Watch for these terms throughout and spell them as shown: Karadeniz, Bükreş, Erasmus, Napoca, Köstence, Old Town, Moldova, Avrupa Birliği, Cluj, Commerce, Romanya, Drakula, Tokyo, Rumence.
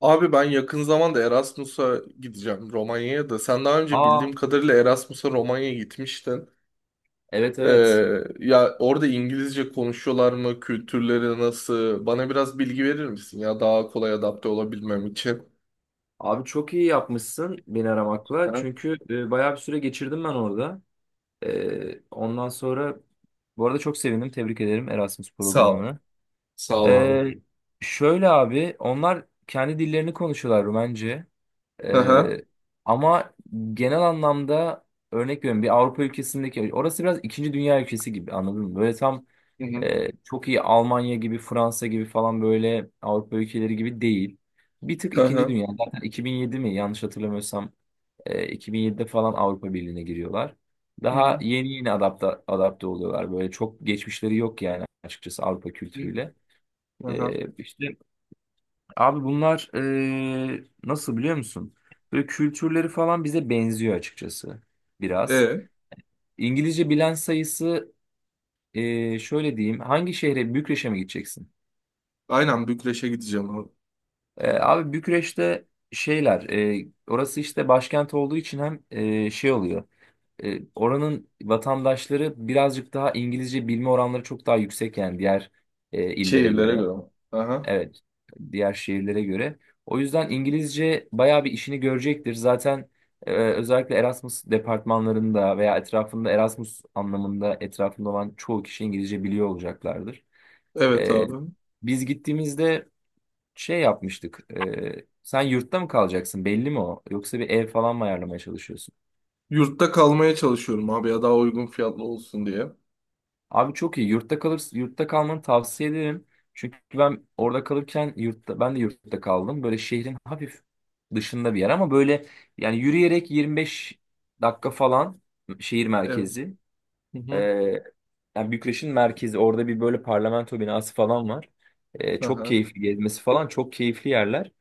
Abi ben yakın zamanda Erasmus'a gideceğim Romanya'ya da. Sen daha önce Aa, bildiğim kadarıyla Erasmus'a Romanya'ya gitmiştin. evet evet. Ee, ya orada İngilizce konuşuyorlar mı? Kültürleri nasıl? Bana biraz bilgi verir misin ya daha kolay adapte olabilmem için? Abi çok iyi yapmışsın beni aramakla. Hı. Çünkü bayağı bir süre geçirdim ben orada. Ondan sonra bu arada çok sevindim. Tebrik ederim Erasmus Sağ ol. programını. Sağ ol abi. E, şöyle abi onlar kendi dillerini konuşuyorlar Rumence. Hı E, ama genel anlamda örnek veriyorum bir Avrupa ülkesindeki orası biraz ikinci dünya ülkesi gibi anladın mı? Böyle tam hı. Çok iyi Almanya gibi, Fransa gibi falan böyle Avrupa ülkeleri gibi değil. Bir tık Hı ikinci hı. dünya. Zaten 2007 mi yanlış hatırlamıyorsam 2007'de falan Avrupa Birliği'ne giriyorlar. Hı hı. Hı Daha hı. yeni yeni adapte oluyorlar. Böyle çok geçmişleri yok yani açıkçası Avrupa Hı. kültürüyle. Hı. İşte abi bunlar nasıl biliyor musun? Böyle kültürleri falan bize benziyor açıkçası biraz. E, İngilizce bilen sayısı şöyle diyeyim. Hangi şehre? Bükreş'e mi gideceksin? aynen Bükreş'e gideceğim abi. Abi Bükreş'te şeyler, orası işte başkent olduğu için hem şey oluyor. Oranın vatandaşları birazcık daha İngilizce bilme oranları çok daha yüksek yani diğer illere göre. Şehirlere göre mi? Hı hı. Evet, diğer şehirlere göre. O yüzden İngilizce bayağı bir işini görecektir. Zaten özellikle Erasmus departmanlarında veya etrafında Erasmus anlamında etrafında olan çoğu kişi İngilizce biliyor olacaklardır. Evet E, abi. biz gittiğimizde şey yapmıştık. Sen yurtta mı kalacaksın? Belli mi o? Yoksa bir ev falan mı ayarlamaya çalışıyorsun? Yurtta kalmaya çalışıyorum abi ya daha uygun fiyatlı olsun diye. Abi çok iyi. Yurtta kalırsın. Yurtta kalmanı tavsiye ederim. Çünkü ben orada kalırken yurtta ben de yurtta kaldım. Böyle şehrin hafif dışında bir yer ama böyle yani yürüyerek 25 dakika falan şehir Evet. merkezi. Ee, yani Bükreş'in merkezi orada bir böyle parlamento binası falan var. Çok Aha. keyifli gezmesi falan çok keyifli yerler.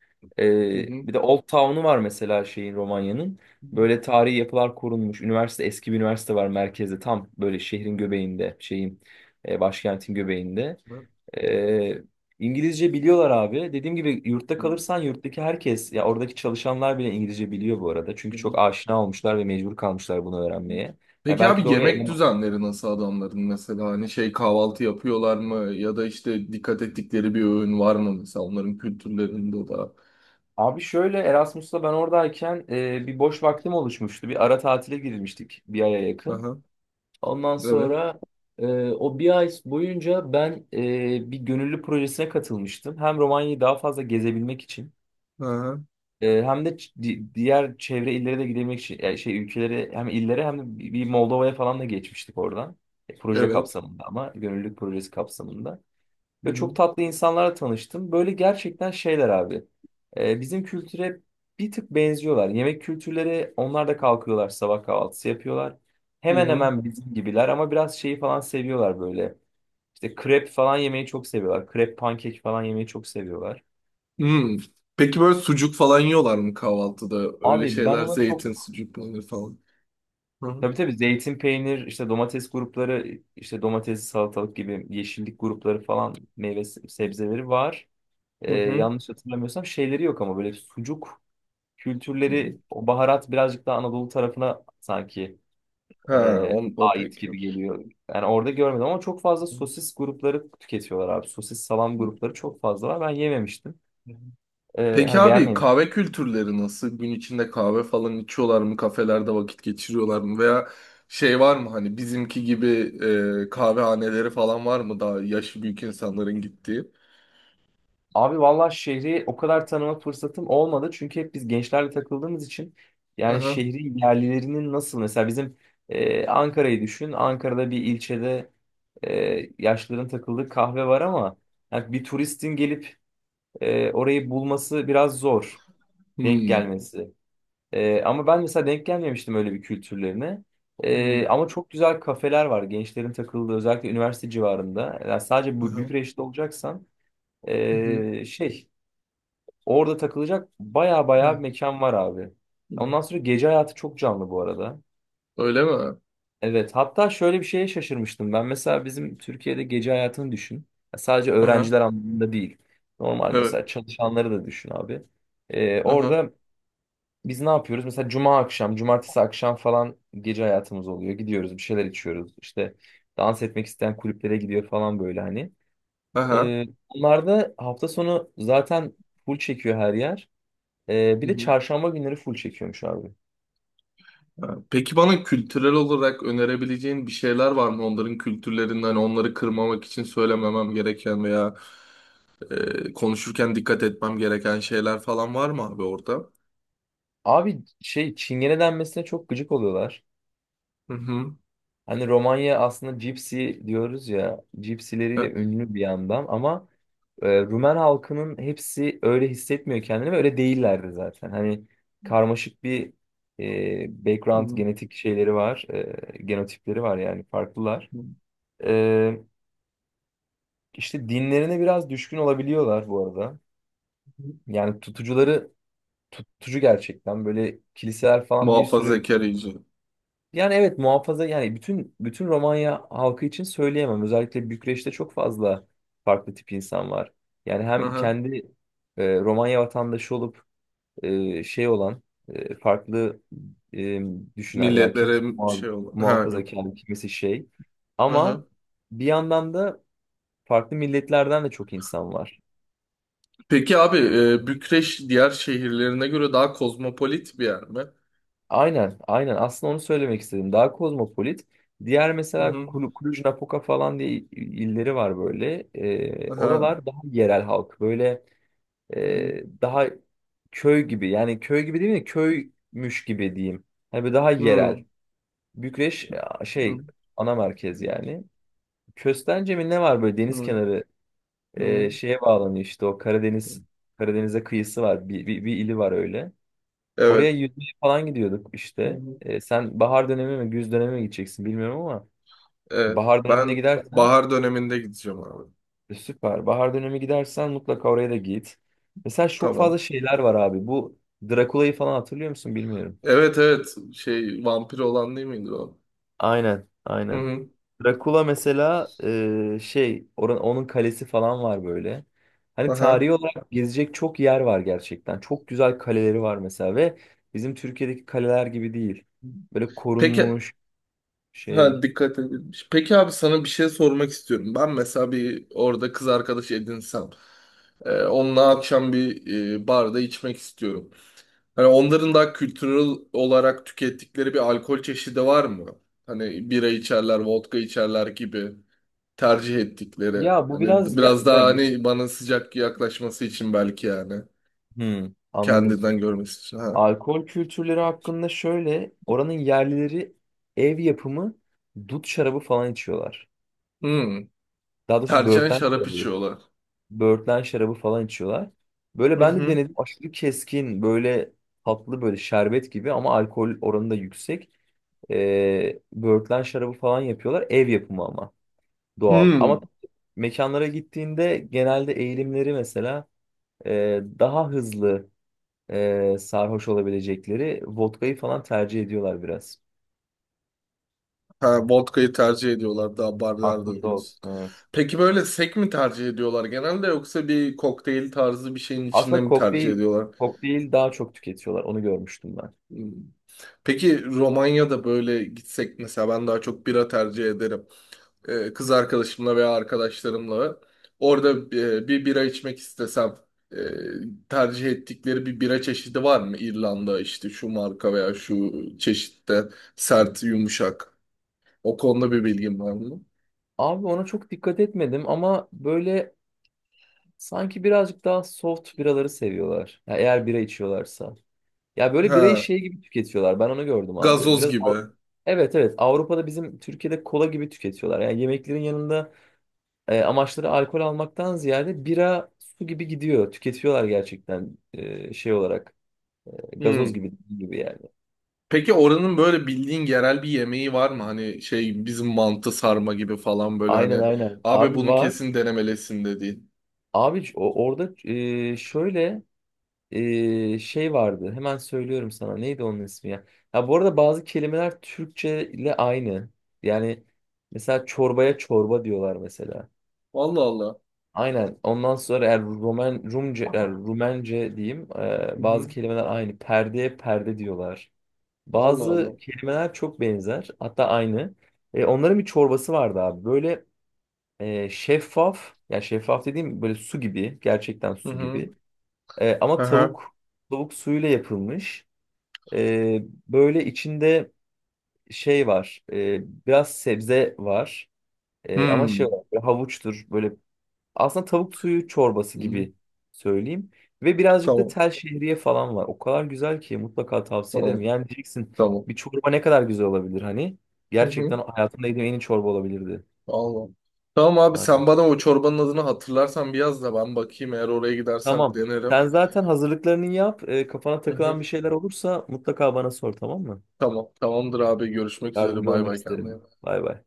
Hı Ee, hı. bir de Old Town'u var mesela şeyin Romanya'nın. Böyle tarihi yapılar korunmuş. Üniversite eski bir üniversite var merkezde tam böyle şehrin göbeğinde şeyin başkentin göbeğinde. Bak, Ee, İngilizce biliyorlar abi. Dediğim gibi yurtta hı kalırsan yurttaki herkes ya oradaki çalışanlar bile İngilizce biliyor bu arada. Çünkü hı. çok aşina olmuşlar ve mecbur kalmışlar bunu öğrenmeye. Ya Peki abi belki de oraya yemek eleman düzenleri nasıl adamların, mesela hani şey kahvaltı yapıyorlar mı ya da işte dikkat ettikleri bir öğün var mı mesela onların kültürlerinde da? Abi şöyle Erasmus'ta ben oradayken bir boş vaktim oluşmuştu. Bir ara tatile girmiştik bir aya yakın. Aha, Ondan evet. sonra o bir ay boyunca ben bir gönüllü projesine katılmıştım. Hem Romanya'yı daha fazla gezebilmek için Aha, hem de diğer çevre illere de gidebilmek için yani şey ülkelere hem illere hem de bir Moldova'ya falan da geçmiştik oradan. Proje evet. kapsamında ama gönüllülük projesi kapsamında. Hı Ve hı. çok tatlı insanlarla tanıştım. Böyle gerçekten şeyler abi. Bizim kültüre bir tık benziyorlar. Yemek kültürleri onlar da kalkıyorlar sabah kahvaltısı yapıyorlar. Hı Hemen hı. hemen bizim gibiler ama biraz şeyi falan seviyorlar böyle. İşte krep falan yemeyi çok seviyorlar. Krep pankek falan yemeyi çok seviyorlar. Hmm. Peki böyle sucuk falan yiyorlar mı kahvaltıda? Öyle Abi ben şeyler, ona çok zeytin, sucuk, peynir falan. Hı hı. tabii tabii zeytin peynir işte domates grupları işte domatesli salatalık gibi yeşillik grupları falan meyve sebzeleri var. Hı Ee, hı. yanlış hatırlamıyorsam şeyleri yok ama böyle sucuk Hı. kültürleri o baharat birazcık daha Anadolu tarafına sanki Ha, on, o ait pek yok. gibi geliyor. Yani orada görmedim ama çok fazla Hı sosis grupları tüketiyorlar abi. Sosis salam grupları çok fazla var. Ben yememiştim. hı. E, Peki hani abi beğenmemiştim. kahve kültürleri nasıl? Gün içinde kahve falan içiyorlar mı? Kafelerde vakit geçiriyorlar mı? Veya şey var mı hani bizimki gibi, kahvehaneleri falan var mı daha yaşı büyük insanların gittiği? Abi vallahi şehri o kadar tanıma fırsatım olmadı. Çünkü hep biz gençlerle takıldığımız için yani Aha. şehri yerlilerinin nasıl mesela bizim Ankara'yı düşün. Ankara'da bir ilçede yaşlıların takıldığı kahve var ama yani bir turistin gelip orayı bulması biraz zor. Denk Hmm. gelmesi. Ama ben mesela denk gelmemiştim öyle bir kültürlerine. Ee, Hmm. ama çok güzel kafeler var. Gençlerin takıldığı özellikle üniversite civarında. Yani sadece bu Aha. Bükreş'te olacaksan Hı hı. Şey orada takılacak baya Hı baya mekan var abi. hı. Ondan sonra gece hayatı çok canlı bu arada. Öyle mi? Evet, hatta şöyle bir şeye şaşırmıştım. Ben mesela bizim Türkiye'de gece hayatını düşün. Ya sadece Aha. öğrenciler anlamında değil. Normal Evet. mesela çalışanları da düşün abi. Ee, Aha. orada biz ne yapıyoruz? Mesela cuma akşam, cumartesi akşam falan gece hayatımız oluyor. Gidiyoruz, bir şeyler içiyoruz. İşte dans etmek isteyen kulüplere gidiyor falan böyle hani. Aha. Ee, onlar da hafta sonu zaten full çekiyor her yer. Ee, Hı bir de hı. çarşamba günleri full çekiyormuş abi. Ha. Peki bana kültürel olarak önerebileceğin bir şeyler var mı? Onların kültürlerinden, onları kırmamak için söylememem gereken veya konuşurken dikkat etmem gereken şeyler falan var mı abi orada? Abi şey Çingene denmesine çok gıcık oluyorlar. Hı hı. Hani Romanya aslında cipsi diyoruz ya, cipsileriyle E, ünlü bir yandan ama. Rumen halkının hepsi öyle hissetmiyor kendini ve öyle değillerdi zaten. Hani karmaşık bir hı background hı. genetik şeyleri var, genotipleri var yani farklılar. Ee, işte dinlerine biraz düşkün olabiliyorlar bu arada. Yani tutucu gerçekten böyle kiliseler falan bir sürü Muhafazakar iyice. yani evet muhafaza yani bütün Romanya halkı için söyleyemem. Özellikle Bükreş'te çok fazla farklı tip insan var. Yani Hı hem hı. kendi Romanya vatandaşı olup şey olan farklı e, düşünen yani kimisi Milletlere şey olan. Ha, yok. muhafazakar kimisi şey Hı ama hı. bir yandan da farklı milletlerden de çok insan var. Peki abi, Bükreş diğer şehirlerine göre daha kozmopolit bir yer mi? Aynen aynen, aslında onu söylemek istedim daha kozmopolit. Diğer Hı mesela hı. Cluj, Napoca falan diye illeri var böyle. E, Aha. oralar daha yerel halk böyle Hı daha köy gibi yani köy gibi değil mi köymüş gibi diyeyim. Hani böyle daha hı. yerel. Bükreş Hı şey ana merkez hı. yani. Köstence mi ne var böyle deniz Hı kenarı hı. Şeye bağlanıyor işte o Karadeniz'e kıyısı var. Bir ili var öyle. Evet. Oraya yüzmeye falan gidiyorduk Hı işte. hı. Sen bahar dönemi mi güz dönemi mi gideceksin bilmiyorum ama Evet. bahar dönemine Ben gidersen bahar döneminde gideceğim abi. Süper. Bahar dönemi gidersen mutlaka oraya da git. Mesela çok fazla Tamam. şeyler var abi. Bu Drakula'yı falan hatırlıyor musun bilmiyorum. Evet, evet. Şey, vampir olan değil miydi o? Aynen, Hı aynen. hı. Drakula mesela onun kalesi falan var böyle. Hani Aha. tarihi olarak gezecek çok yer var gerçekten. Çok güzel kaleleri var mesela ve bizim Türkiye'deki kaleler gibi değil. Böyle Peki korunmuş ha, şey. dikkat edilmiş. Peki abi sana bir şey sormak istiyorum. Ben mesela bir orada kız arkadaş edinsem, onunla akşam bir, barda içmek istiyorum. Hani onların da kültürel olarak tükettikleri bir alkol çeşidi var mı? Hani bira içerler, vodka içerler gibi tercih ettikleri. Ya bu Hani biraz ya, biraz daha ben bir- hani bana sıcak yaklaşması için belki yani. Hmm, anladım. Kendinden görmesi için. Ha. Alkol kültürleri hakkında şöyle oranın yerlileri ev yapımı dut şarabı falan içiyorlar. Hmm. Daha doğrusu Tercihen böğürtlen şarap şarabı. içiyorlar. Böğürtlen şarabı falan içiyorlar. Böyle Hı ben de hı. denedim. Aşırı keskin, böyle tatlı, böyle şerbet gibi ama alkol oranı da yüksek. Böğürtlen şarabı falan yapıyorlar. Ev yapımı ama doğal. Ama Hmm. mekanlara gittiğinde genelde eğilimleri mesela daha hızlı sarhoş olabilecekleri vodkayı falan tercih ediyorlar biraz. Ha, vodka'yı tercih ediyorlar daha barlarda Aklında diyorsun. olsun evet. Peki böyle sek mi tercih ediyorlar genelde, yoksa bir kokteyl tarzı bir şeyin içinde Aslında mi tercih ediyorlar? kokteyl daha çok tüketiyorlar. Onu görmüştüm ben. Hmm. Peki Romanya'da böyle gitsek mesela ben daha çok bira tercih ederim. Kız arkadaşımla veya arkadaşlarımla orada, bir bira içmek istesem, e, tercih ettikleri bir bira çeşidi var mı? İrlanda, işte şu marka veya şu çeşitte, sert, yumuşak. O konuda bir bilgim var mı? Abi ona çok dikkat etmedim ama böyle sanki birazcık daha soft biraları seviyorlar. Ya eğer bira içiyorlarsa. Ya böyle birayı Ha, şey gibi tüketiyorlar. Ben onu gördüm abi. gazoz gibi. Evet evet, Avrupa'da bizim Türkiye'de kola gibi tüketiyorlar. Yani yemeklerin yanında amaçları alkol almaktan ziyade bira su gibi gidiyor. Tüketiyorlar gerçekten şey olarak gazoz Hmm. gibi gibi yani. Peki oranın böyle bildiğin yerel bir yemeği var mı? Hani şey bizim mantı, sarma gibi falan, böyle Aynen hani aynen. abi Abi bunu var. kesin denemelisin dediğin. Abi orada şöyle şey vardı. Hemen söylüyorum sana. Neydi onun ismi ya? Ya bu arada bazı kelimeler Türkçe ile aynı. Yani mesela çorbaya çorba diyorlar mesela. Allah Allah. Aynen. Ondan sonra eğer Rumence diyeyim. Hı Bazı hı. kelimeler aynı. Perdeye perde diyorlar. Allah Bazı Allah. kelimeler çok benzer. Hatta aynı. Onların bir çorbası vardı abi. Böyle şeffaf. Ya şeffaf dediğim böyle su gibi. Gerçekten Hı su hı. gibi. E, ama Aha. tavuk Tavuk suyuyla yapılmış. Ee, böyle içinde şey var. Biraz sebze var. E, ama şey Hmm. var. Böyle havuçtur. Böyle aslında tavuk suyu çorbası Hı. gibi söyleyeyim. Ve birazcık da Tamam. tel şehriye falan var. O kadar güzel ki mutlaka tavsiye ederim. Tamam. Yani diyeceksin Tamam. bir çorba ne kadar güzel olabilir hani. Hı Gerçekten hı. hayatımda yediğim en iyi çorba olabilirdi. Allah. Tamam abi, Aynen. sen bana o çorbanın adını hatırlarsan bir yaz da ben bakayım, eğer oraya gidersem Tamam. denerim. Sen zaten hazırlıklarını yap. Kafana Hı takılan hı. bir şeyler olursa mutlaka bana sor tamam mı? Tamam. Tamamdır abi, görüşmek üzere, Yardımcı bay olmak bay, kendine. isterim. Bay bay.